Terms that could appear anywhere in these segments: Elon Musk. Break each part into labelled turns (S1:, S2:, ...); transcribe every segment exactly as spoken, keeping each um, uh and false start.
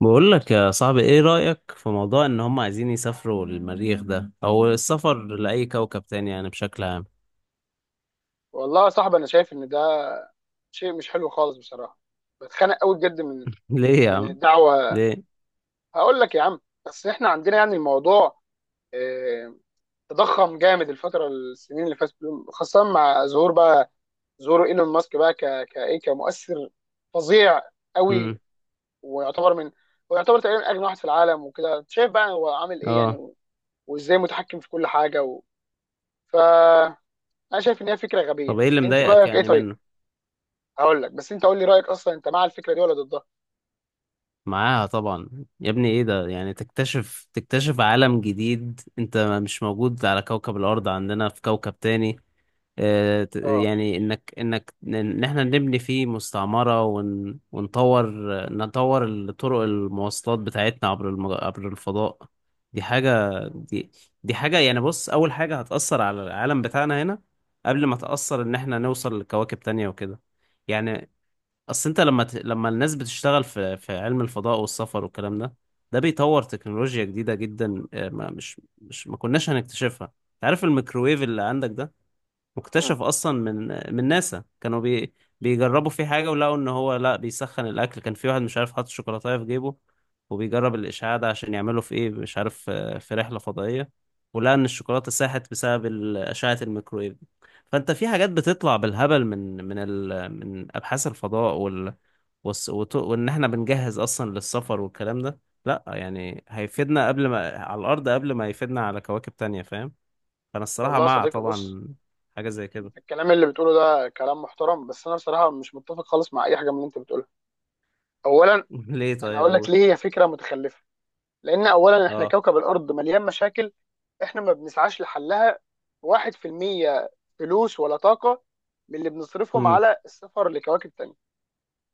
S1: بقول لك يا صاحبي، ايه رأيك في موضوع ان هم عايزين يسافروا للمريخ ده او السفر لأي كوكب تاني يعني بشكل عام؟
S2: والله يا صاحبي انا شايف ان ده شيء مش حلو خالص بصراحه. بتخانق قوي بجد من
S1: ليه يا
S2: من
S1: عم؟
S2: الدعوه
S1: ليه؟
S2: هقول لك يا عم، بس احنا عندنا يعني الموضوع آه، تضخم جامد الفتره، السنين اللي فاتت دول، خاصه مع ظهور بقى ظهور ايلون ماسك بقى ك كايه كمؤثر فظيع
S1: امم.
S2: قوي. ويعتبر من ويعتبر تقريبا اغنى واحد في العالم وكده، أنت شايف بقى هو عامل ايه
S1: اه.
S2: يعني، وازاي متحكم في كل حاجه و... ف انا شايف ان هي فكره
S1: طب
S2: غبيه.
S1: ايه اللي
S2: انت
S1: مضايقك
S2: رايك ايه
S1: يعني
S2: طيب؟
S1: منه؟
S2: هقول لك، بس انت قول لي رايك اصلا، انت مع الفكره دي ولا ضدها؟
S1: معاها طبعا. يا ابني ايه ده؟ يعني تكتشف تكتشف عالم جديد، انت مش موجود على كوكب الارض، عندنا في كوكب تاني. آه، ت-
S2: اه.
S1: يعني انك انك ن- ان احنا نبني فيه مستعمرة ون ونطور نطور الطرق المواصلات بتاعتنا عبر المج... عبر الفضاء. دي حاجة
S2: مم.
S1: دي دي حاجة، يعني بص، اول حاجة هتأثر على العالم بتاعنا هنا قبل ما تأثر ان احنا نوصل لكواكب تانية وكده، يعني. اصل انت لما ت... لما الناس بتشتغل في في علم الفضاء والسفر والكلام ده، ده بيطور تكنولوجيا جديدة جدا. آه، ما مش مش ما كناش هنكتشفها. تعرف الميكروويف اللي عندك ده؟
S2: مم.
S1: مكتشف اصلا من من ناسا. كانوا بي بيجربوا فيه حاجه، ولقوا ان هو لا، بيسخن الاكل. كان في واحد مش عارف حاطط شوكولاته في جيبه وبيجرب الاشعاع ده عشان يعمله في ايه مش عارف، آه، في رحله فضائيه، ولقى ان الشوكولاته ساحت بسبب ال- اشعه الميكرويف دي. فانت في حاجات بتطلع بالهبل من من ال من ابحاث الفضاء وال والس- وت- وان احنا بنجهز اصلا للسفر والكلام ده. لا يعني هيفيدنا قبل ما على الارض قبل ما يفيدنا على كواكب تانية، فاهم؟ فانا الصراحه
S2: والله يا
S1: مع،
S2: صديقي بص،
S1: طبعا، حاجه زي كده.
S2: انت الكلام اللي بتقوله ده كلام محترم، بس انا بصراحه مش متفق خالص مع اي حاجه من اللي انت بتقولها. اولا
S1: ليه؟
S2: انا
S1: طيب،
S2: هقول لك
S1: قول.
S2: ليه هي فكره متخلفه. لان اولا احنا
S1: اه.
S2: كوكب الارض مليان مشاكل، احنا ما بنسعاش لحلها. واحد في المية فلوس ولا طاقه من اللي بنصرفهم
S1: امم.
S2: على السفر لكواكب تانية.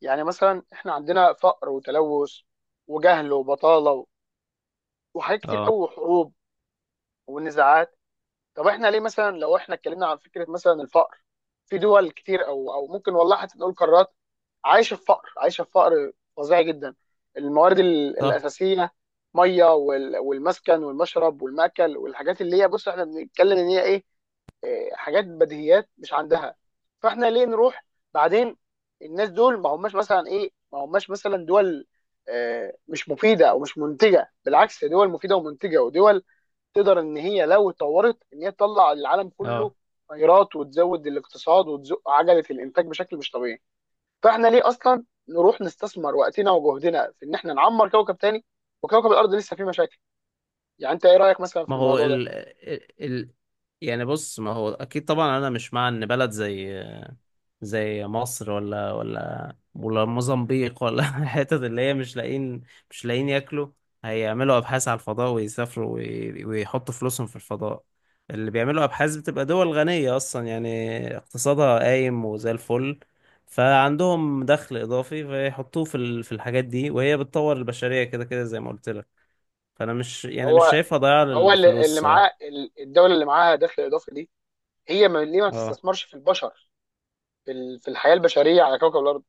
S2: يعني مثلا احنا عندنا فقر وتلوث وجهل وبطاله وحاجات كتير قوي
S1: اه،
S2: وحروب ونزاعات. طب احنا ليه؟ مثلا لو احنا اتكلمنا عن فكره مثلا الفقر، في دول كتير او او ممكن والله حتى نقول قارات عايشه في فقر، عايشه في فقر فظيع جدا. الموارد ال-
S1: صح.
S2: الاساسيه، ميه وال- والمسكن والمشرب والمأكل والحاجات اللي هي، بص احنا بنتكلم ان هي ايه، إيه، حاجات بديهيات مش عندها. فاحنا ليه نروح؟ بعدين الناس دول ما هماش مثلا ايه، ما هماش مثلا دول آه، مش مفيده او مش منتجه، بالعكس دول مفيده ومنتجه، ودول تقدر ان هي لو اتطورت ان هي تطلع للعالم
S1: اه.
S2: كله خيرات، وتزود الاقتصاد وتزق عجله الانتاج بشكل مش طبيعي. فاحنا ليه اصلا نروح نستثمر وقتنا وجهدنا في ان احنا نعمر كوكب تاني وكوكب الارض لسه فيه مشاكل؟ يعني انت ايه رايك مثلا
S1: ما
S2: في
S1: هو
S2: الموضوع ده؟
S1: ال... ال... ال... يعني بص، ما هو اكيد طبعا انا مش مع ان بلد زي زي مصر ولا ولا ولا موزمبيق ولا الحتت اللي هي مش لاقيين مش لاقيين ياكلوا، هيعملوا ابحاث على الفضاء ويسافروا وي- ويحطوا فلوسهم في الفضاء. اللي بيعملوا ابحاث بتبقى دول غنية اصلا يعني، اقتصادها قايم وزي الفل، فعندهم دخل اضافي فيحطوه في ال- في الحاجات دي، وهي بتطور البشرية كده كده زي ما قلت لك. فانا مش، يعني مش
S2: هو
S1: شايفها ضياع
S2: هو اللي
S1: للفلوس
S2: اللي
S1: الصراحة.
S2: معاه، الدوله اللي معاها دخل اضافي دي، هي ما ليه ما
S1: اه،
S2: تستثمرش في البشر، في ال- في الحياه البشريه على كوكب الارض؟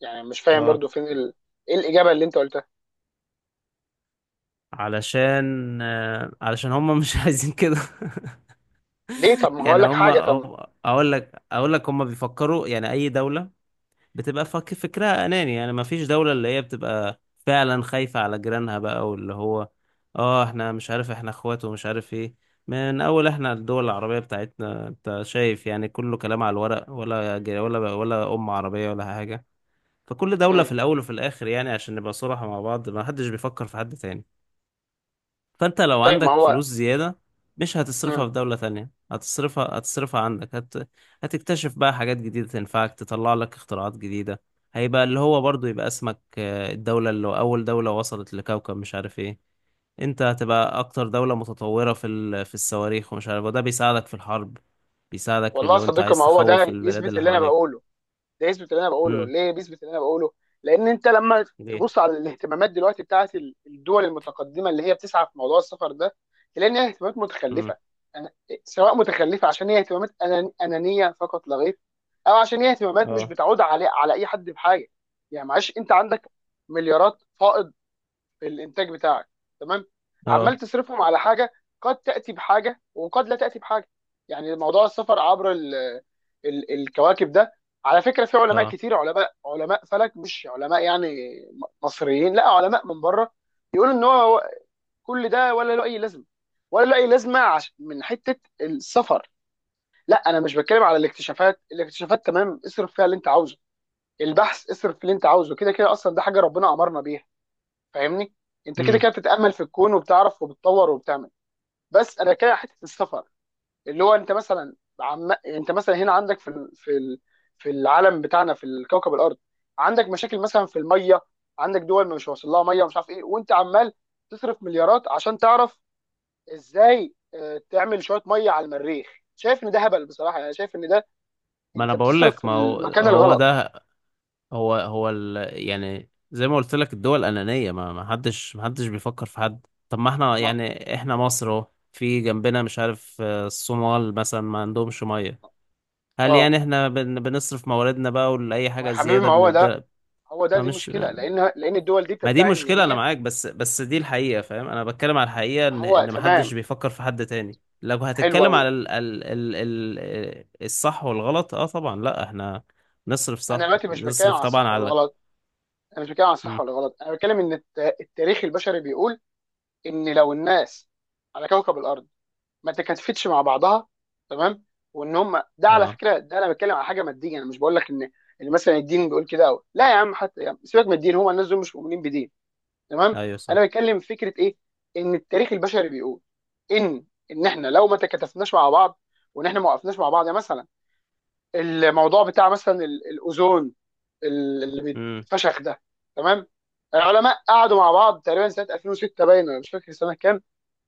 S2: يعني مش فاهم
S1: اه،
S2: برضو فين ال... ايه الاجابه اللي انت قلتها؟
S1: علشان آه، علشان هم مش عايزين كده.
S2: ليه؟ طب ما هقول
S1: يعني
S2: لك
S1: هم
S2: حاجه طب.
S1: هم- اقول لك اقول لك هم بيفكروا، يعني اي دولة بتبقى فك فكرها اناني، يعني ما فيش دولة اللي هي بتبقى فعلا خايفة على جيرانها بقى، واللي هو اه، احنا مش عارف احنا اخوات ومش عارف ايه. من اول، احنا الدول العربية بتاعتنا انت شايف يعني كله كلام على الورق، ولا جي- ولا ولا ام عربية ولا حاجة. فكل دولة
S2: مم.
S1: في الاول وفي الاخر، يعني عشان نبقى صراحة مع بعض، ما حدش بيفكر في حد تاني. فانت لو
S2: طيب ما
S1: عندك
S2: هو.
S1: فلوس زيادة، مش هتصرفها
S2: مم.
S1: في دولة تانية، هتصرفها هتصرفها عندك، هت... هتكتشف بقى حاجات جديدة تنفعك، تطلع لك اختراعات جديدة. هيبقى اللي هو برضو يبقى اسمك آه، الدولة، اللي أول دولة وصلت لكوكب مش عارف ايه. انت هتبقى أكتر دولة متطورة في ال... في الصواريخ ومش عارف، وده بيساعدك في الحرب، بيساعدك
S2: والله يا
S1: لو انت
S2: صديقي،
S1: عايز
S2: ما هو
S1: تخوف
S2: ده
S1: البلاد
S2: يثبت
S1: اللي
S2: اللي انا
S1: حواليك.
S2: بقوله، ده يثبت اللي انا بقوله.
S1: امم.
S2: ليه بيثبت اللي انا بقوله؟ لان انت لما
S1: ليه؟
S2: تبص على الاهتمامات دلوقتي بتاعت ال- الدول المتقدمه اللي هي بتسعى في موضوع السفر ده، تلاقي ان هي اهتمامات
S1: امم.
S2: متخلفه. أنا سواء متخلفه عشان هي اهتمامات أنان- انانيه فقط لا غير، او عشان هي اهتمامات مش
S1: اه،
S2: بتعود على على اي حد بحاجه. يعني معلش، انت عندك مليارات فائض الانتاج بتاعك، تمام، عمال
S1: اه،
S2: تصرفهم على حاجه قد تاتي بحاجه وقد لا تاتي بحاجه. يعني موضوع السفر عبر ال ال الكواكب ده، على فكره في علماء
S1: اه.
S2: كتير، علماء علماء فلك، مش علماء يعني مصريين، لا علماء من بره، يقولوا ان هو كل ده ولا له اي لازمه، ولا له اي لازمه عش- من حته السفر. لا انا مش بتكلم على الاكتشافات، الاكتشافات تمام، اصرف فيها اللي انت عاوزه، البحث اصرف اللي انت عاوزه، كده كده اصلا ده حاجه ربنا امرنا بيها. فاهمني؟ انت كده
S1: امم.
S2: كده بتتامل في الكون وبتعرف وبتطور وبتعمل. بس انا كده حته السفر اللي هو، انت مثلا عم... انت مثلا هنا عندك في ال... في ال... في العالم بتاعنا في الكوكب الارض، عندك مشاكل مثلا في الميه، عندك دول مش واصل لها ميه ومش عارف ايه، وانت عمال تصرف مليارات عشان تعرف ازاي آه، تعمل شويه ميه على المريخ. شايف ان ده هبل بصراحه. يعني شايف ان ده،
S1: ما انا
S2: انت
S1: بقول
S2: بتصرف
S1: لك،
S2: في
S1: ما هو
S2: المكان
S1: هو
S2: الغلط.
S1: ده، هو هو ال... يعني زي ما قلت لك، الدول أنانية، ما ما حدش ما حدش بيفكر في حد. طب ما احنا،
S2: ما...
S1: يعني احنا مصر اهو، في جنبنا مش عارف آه، الصومال مثلا ما عندهمش مية. هل
S2: اه،
S1: يعني احنا بن... بنصرف مواردنا بقى ولأي
S2: ما يا
S1: حاجة
S2: حبيبي
S1: زيادة
S2: ما هو
S1: بندي؟
S2: ده، هو ده،
S1: ما
S2: دي
S1: مش
S2: مشكله. لان لان الدول دي
S1: ما دي
S2: بتدعي ان
S1: مشكلة، أنا
S2: هي.
S1: معاك، بس بس دي الحقيقة، فاهم؟ أنا بتكلم على الحقيقة إن
S2: هو
S1: إن ما
S2: تمام،
S1: حدش بيفكر في حد تاني. لو
S2: حلو
S1: هتتكلم
S2: قوي.
S1: على ال... ال... ال... ال... آه، الصح والغلط، اه طبعا. لا، احنا نصرف
S2: انا
S1: صح،
S2: دلوقتي مش بتكلم
S1: نصرف
S2: على
S1: طبعا
S2: الصح
S1: على.
S2: والغلط، انا مش بتكلم على الصح
S1: مم.
S2: والغلط، انا بتكلم ان الت- التاريخ البشري بيقول ان لو الناس على كوكب الارض ما تكاتفتش مع بعضها، تمام، وان هم ده على
S1: اه،
S2: فكره، ده انا بتكلم على حاجه ماديه، انا مش بقول لك ان ان مثلا الدين بيقول كده أو. لا يا عم، حتى يا عم سيبك من الدين، هم الناس دول مش مؤمنين بدين، تمام.
S1: ايوه، صح.
S2: انا بتكلم في فكره ايه، ان التاريخ البشري بيقول ان ان احنا لو ما تكاتفناش مع بعض، وان احنا ما وقفناش مع بعض، يعني مثلا الموضوع بتاع مثلا ال- الاوزون اللي
S1: امم.
S2: بيتفشخ ده، تمام. العلماء قعدوا مع بعض تقريبا سنه ألفين و ستة باين، ولا مش فاكر سنه كام،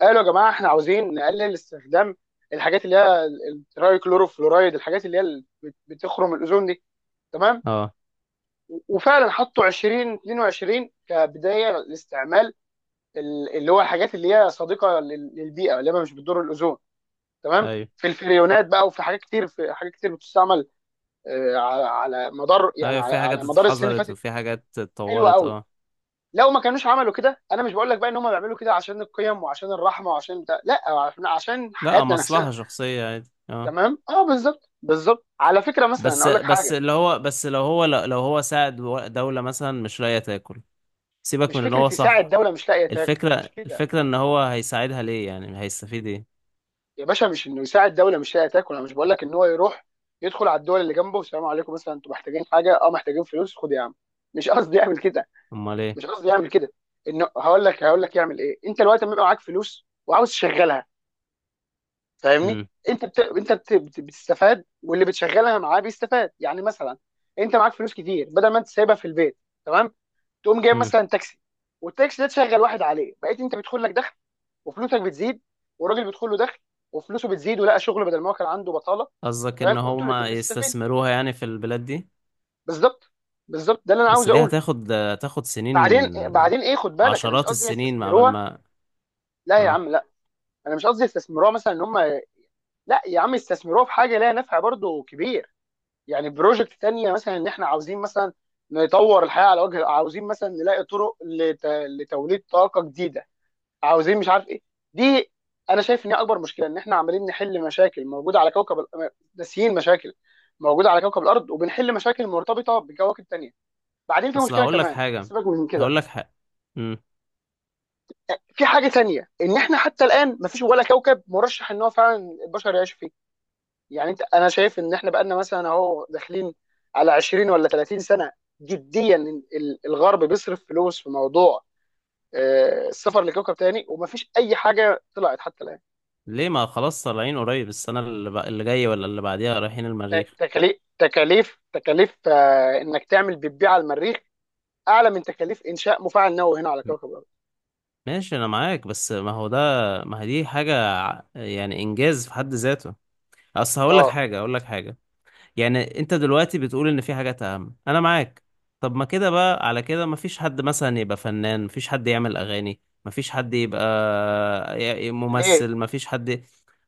S2: قالوا يا جماعه احنا عاوزين نقلل استخدام الحاجات اللي هي الترايكلوروفلورايد، الحاجات اللي هي اللي بت- بتخرم الاوزون دي، تمام.
S1: اه،
S2: وفعلا حطوا ألفين واتنين وعشرين كبدايه لاستعمال ال- اللي هو الحاجات اللي هي صديقه لل- للبيئه اللي هي مش بتضر الاوزون، تمام.
S1: ايوه،
S2: في الفريونات بقى، وفي حاجات كتير، في حاجات كتير بتستعمل آه، على على مدار يعني
S1: ايوه،
S2: على
S1: في حاجات
S2: على مدار السنين اللي
S1: اتحذرت
S2: فاتت.
S1: وفي حاجات
S2: حلوه
S1: اتطورت،
S2: قوي.
S1: اه.
S2: لو ما كانوش عملوا كده، انا مش بقول لك بقى ان هم بيعملوا كده عشان القيم وعشان الرحمه وعشان ده، لا عشان عشان
S1: لا،
S2: حياتنا نفسها.
S1: مصلحة شخصية، عادي، اه.
S2: تمام، اه، بالظبط، بالظبط. على فكره مثلا
S1: بس
S2: اقول لك
S1: بس
S2: حاجه.
S1: اللي هو بس، لو هو لو هو ساعد دولة مثلا مش لاقية تاكل، سيبك
S2: مش
S1: من ان
S2: فكره
S1: هو
S2: يساعد
S1: صح.
S2: دوله مش لاقيه تاكل.
S1: الفكرة
S2: مش كده
S1: الفكرة ان هو هيساعدها ليه؟ يعني هيستفيد ايه؟
S2: يا باشا، مش انه يساعد دوله مش لاقيه تاكل، انا مش بقول لك ان هو يروح يدخل على الدول اللي جنبه والسلام عليكم، مثلا انتوا محتاجين حاجه؟ اه محتاجين فلوس، خد يا عم. مش قصدي يعمل كده،
S1: امال ايه؟
S2: مش قصدي يعمل كده. انه هقول لك هقول لك يعمل ايه. انت دلوقتي لما يبقى معاك فلوس وعاوز تشغلها، فاهمني؟
S1: امم،
S2: انت بت... انت بت... بت- بتستفاد، واللي بتشغلها معاه بيستفاد. يعني مثلا انت معاك فلوس كتير، بدل ما انت سايبها في البيت، تمام، تقوم جايب
S1: امم،
S2: مثلا تاكسي، والتاكسي ده تشغل واحد عليه، بقيت انت بيدخل لك دخل وفلوسك بتزيد، والراجل بيدخل له دخل وفلوسه بتزيد، ولقى شغل بدل ما هو كان عنده بطاله.
S1: قصدك ان
S2: تمام، وانتوا
S1: هما
S2: الاثنين بتستفيدوا.
S1: يستثمروها يعني في البلاد دي؟
S2: بالظبط، بالظبط ده اللي انا عاوز
S1: بس دي
S2: اقوله.
S1: هتاخد هتاخد سنين،
S2: بعدين بعدين ايه، خد بالك انا مش
S1: عشرات
S2: قصدي
S1: السنين مع بال
S2: يستثمروها.
S1: ما.
S2: لا يا
S1: اه.
S2: عم لا، انا مش قصدي يستثمروها مثلا ان هم، لا يا عم يستثمروها في حاجه ليها نفع برضه كبير. يعني بروجكت تانية مثلا، ان احنا عاوزين مثلا نطور الحياه على وجه، عاوزين مثلا نلاقي طرق لت... لتوليد طاقه جديده، عاوزين مش عارف ايه. دي انا شايف ان هي اكبر مشكله، ان احنا عمالين نحل مشاكل موجوده على كوكب ال- ناسيين مشاكل موجوده على كوكب الارض، وبنحل مشاكل مرتبطه بكواكب تانية. بعدين في
S1: اصل
S2: مشكله
S1: هقول لك
S2: كمان،
S1: حاجه
S2: سيبك من كده،
S1: هقول لك حاجه امم.
S2: في حاجه تانية ان احنا حتى الان مفيش ولا كوكب مرشح ان هو فعلا البشر يعيشوا فيه. يعني انت، انا شايف ان احنا بقالنا مثلا اهو داخلين على عشرين ولا ثلاثين سنه جديا، ال- الغرب بيصرف فلوس في موضوع آه، السفر لكوكب تاني، ومفيش اي حاجه طلعت حتى الان.
S1: ليه؟ ما خلاص، طالعين قريب السنه اللي, بق... اللي جايه ولا اللي بعديها رايحين المريخ.
S2: تكاليف تكاليف تكاليف آه، انك تعمل بيبي على المريخ اعلى من تكاليف انشاء مفاعل نووي هنا على
S1: م-
S2: كوكب الارض.
S1: ماشي، انا معاك، بس ما هو ده، ما هي دي حاجه، ع- يعني انجاز في حد ذاته. اصل هقول لك
S2: اه.
S1: حاجه هقول لك حاجه يعني انت دلوقتي بتقول ان في حاجات اهم، انا معاك. طب ما كده بقى، على كده ما فيش حد مثلا يبقى فنان، ما فيش حد يعمل اغاني، ما فيش حد يبقى ي-
S2: ليه؟
S1: ممثل، ما فيش حد.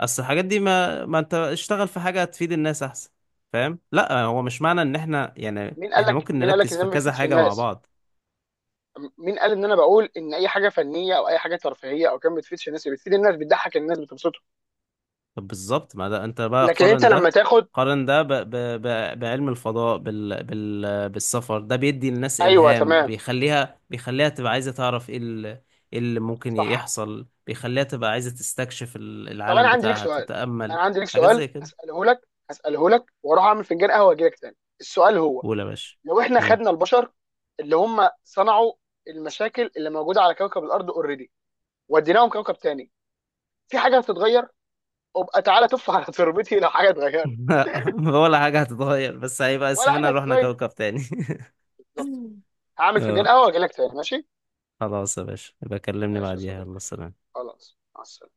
S1: اصل الحاجات دي ما ما انت اشتغل في حاجة تفيد الناس احسن، فاهم؟ لا، هو مش معنى ان احنا يعني
S2: مين قال
S1: احنا
S2: لك؟
S1: ممكن
S2: مين قال لك
S1: نركز
S2: ان ده
S1: في
S2: ما
S1: كذا
S2: بيفيدش
S1: حاجة مع
S2: الناس؟
S1: بعض.
S2: م- مين قال ان انا بقول ان اي حاجه فنيه او اي حاجه ترفيهيه او كان ما بتفيدش الناس؟ بتفيد الناس، بتضحك الناس، بتبسطهم.
S1: طب بالظبط، ما ده انت بقى
S2: لكن انت
S1: قارن
S2: لما
S1: ده
S2: تاخد،
S1: قارن ده ب... ب... ب... بعلم الفضاء بال... بال... بالسفر ده، بيدي الناس
S2: ايوه
S1: إلهام،
S2: تمام،
S1: بيخليها بيخليها تبقى عايزة تعرف ايه ال- إيه اللي ممكن
S2: صح.
S1: يحصل، بيخليها تبقى عايزة تستكشف ال-
S2: طب انا
S1: العالم
S2: عندي ليك
S1: بتاعها،
S2: سؤال،
S1: تتأمل.
S2: انا عندي ليك
S1: حاجات
S2: سؤال
S1: زي كده.
S2: هساله لك، هساله لك واروح اعمل فنجان قهوه واجي لك تاني. السؤال هو،
S1: قول يا باشا.
S2: لو احنا
S1: مم.
S2: خدنا البشر اللي هم صنعوا المشاكل اللي موجوده على كوكب الارض اوريدي، وديناهم كوكب تاني، في حاجه هتتغير؟ ابقى تعالى تف على تربتي لو حاجه اتغيرت.
S1: ولا حاجة هتتغير، بس هيبقى
S2: ولا حاجه
S1: اسمنا رحنا
S2: هتتغير.
S1: كوكب تاني.
S2: بالظبط. هعمل فنجان
S1: اه،
S2: قهوه واجي لك تاني، ماشي.
S1: خلاص يا باشا، يبقى كلمني
S2: ماشي يا
S1: بعديها، يلا
S2: صديقي.
S1: سلام.
S2: خلاص، مع السلامه.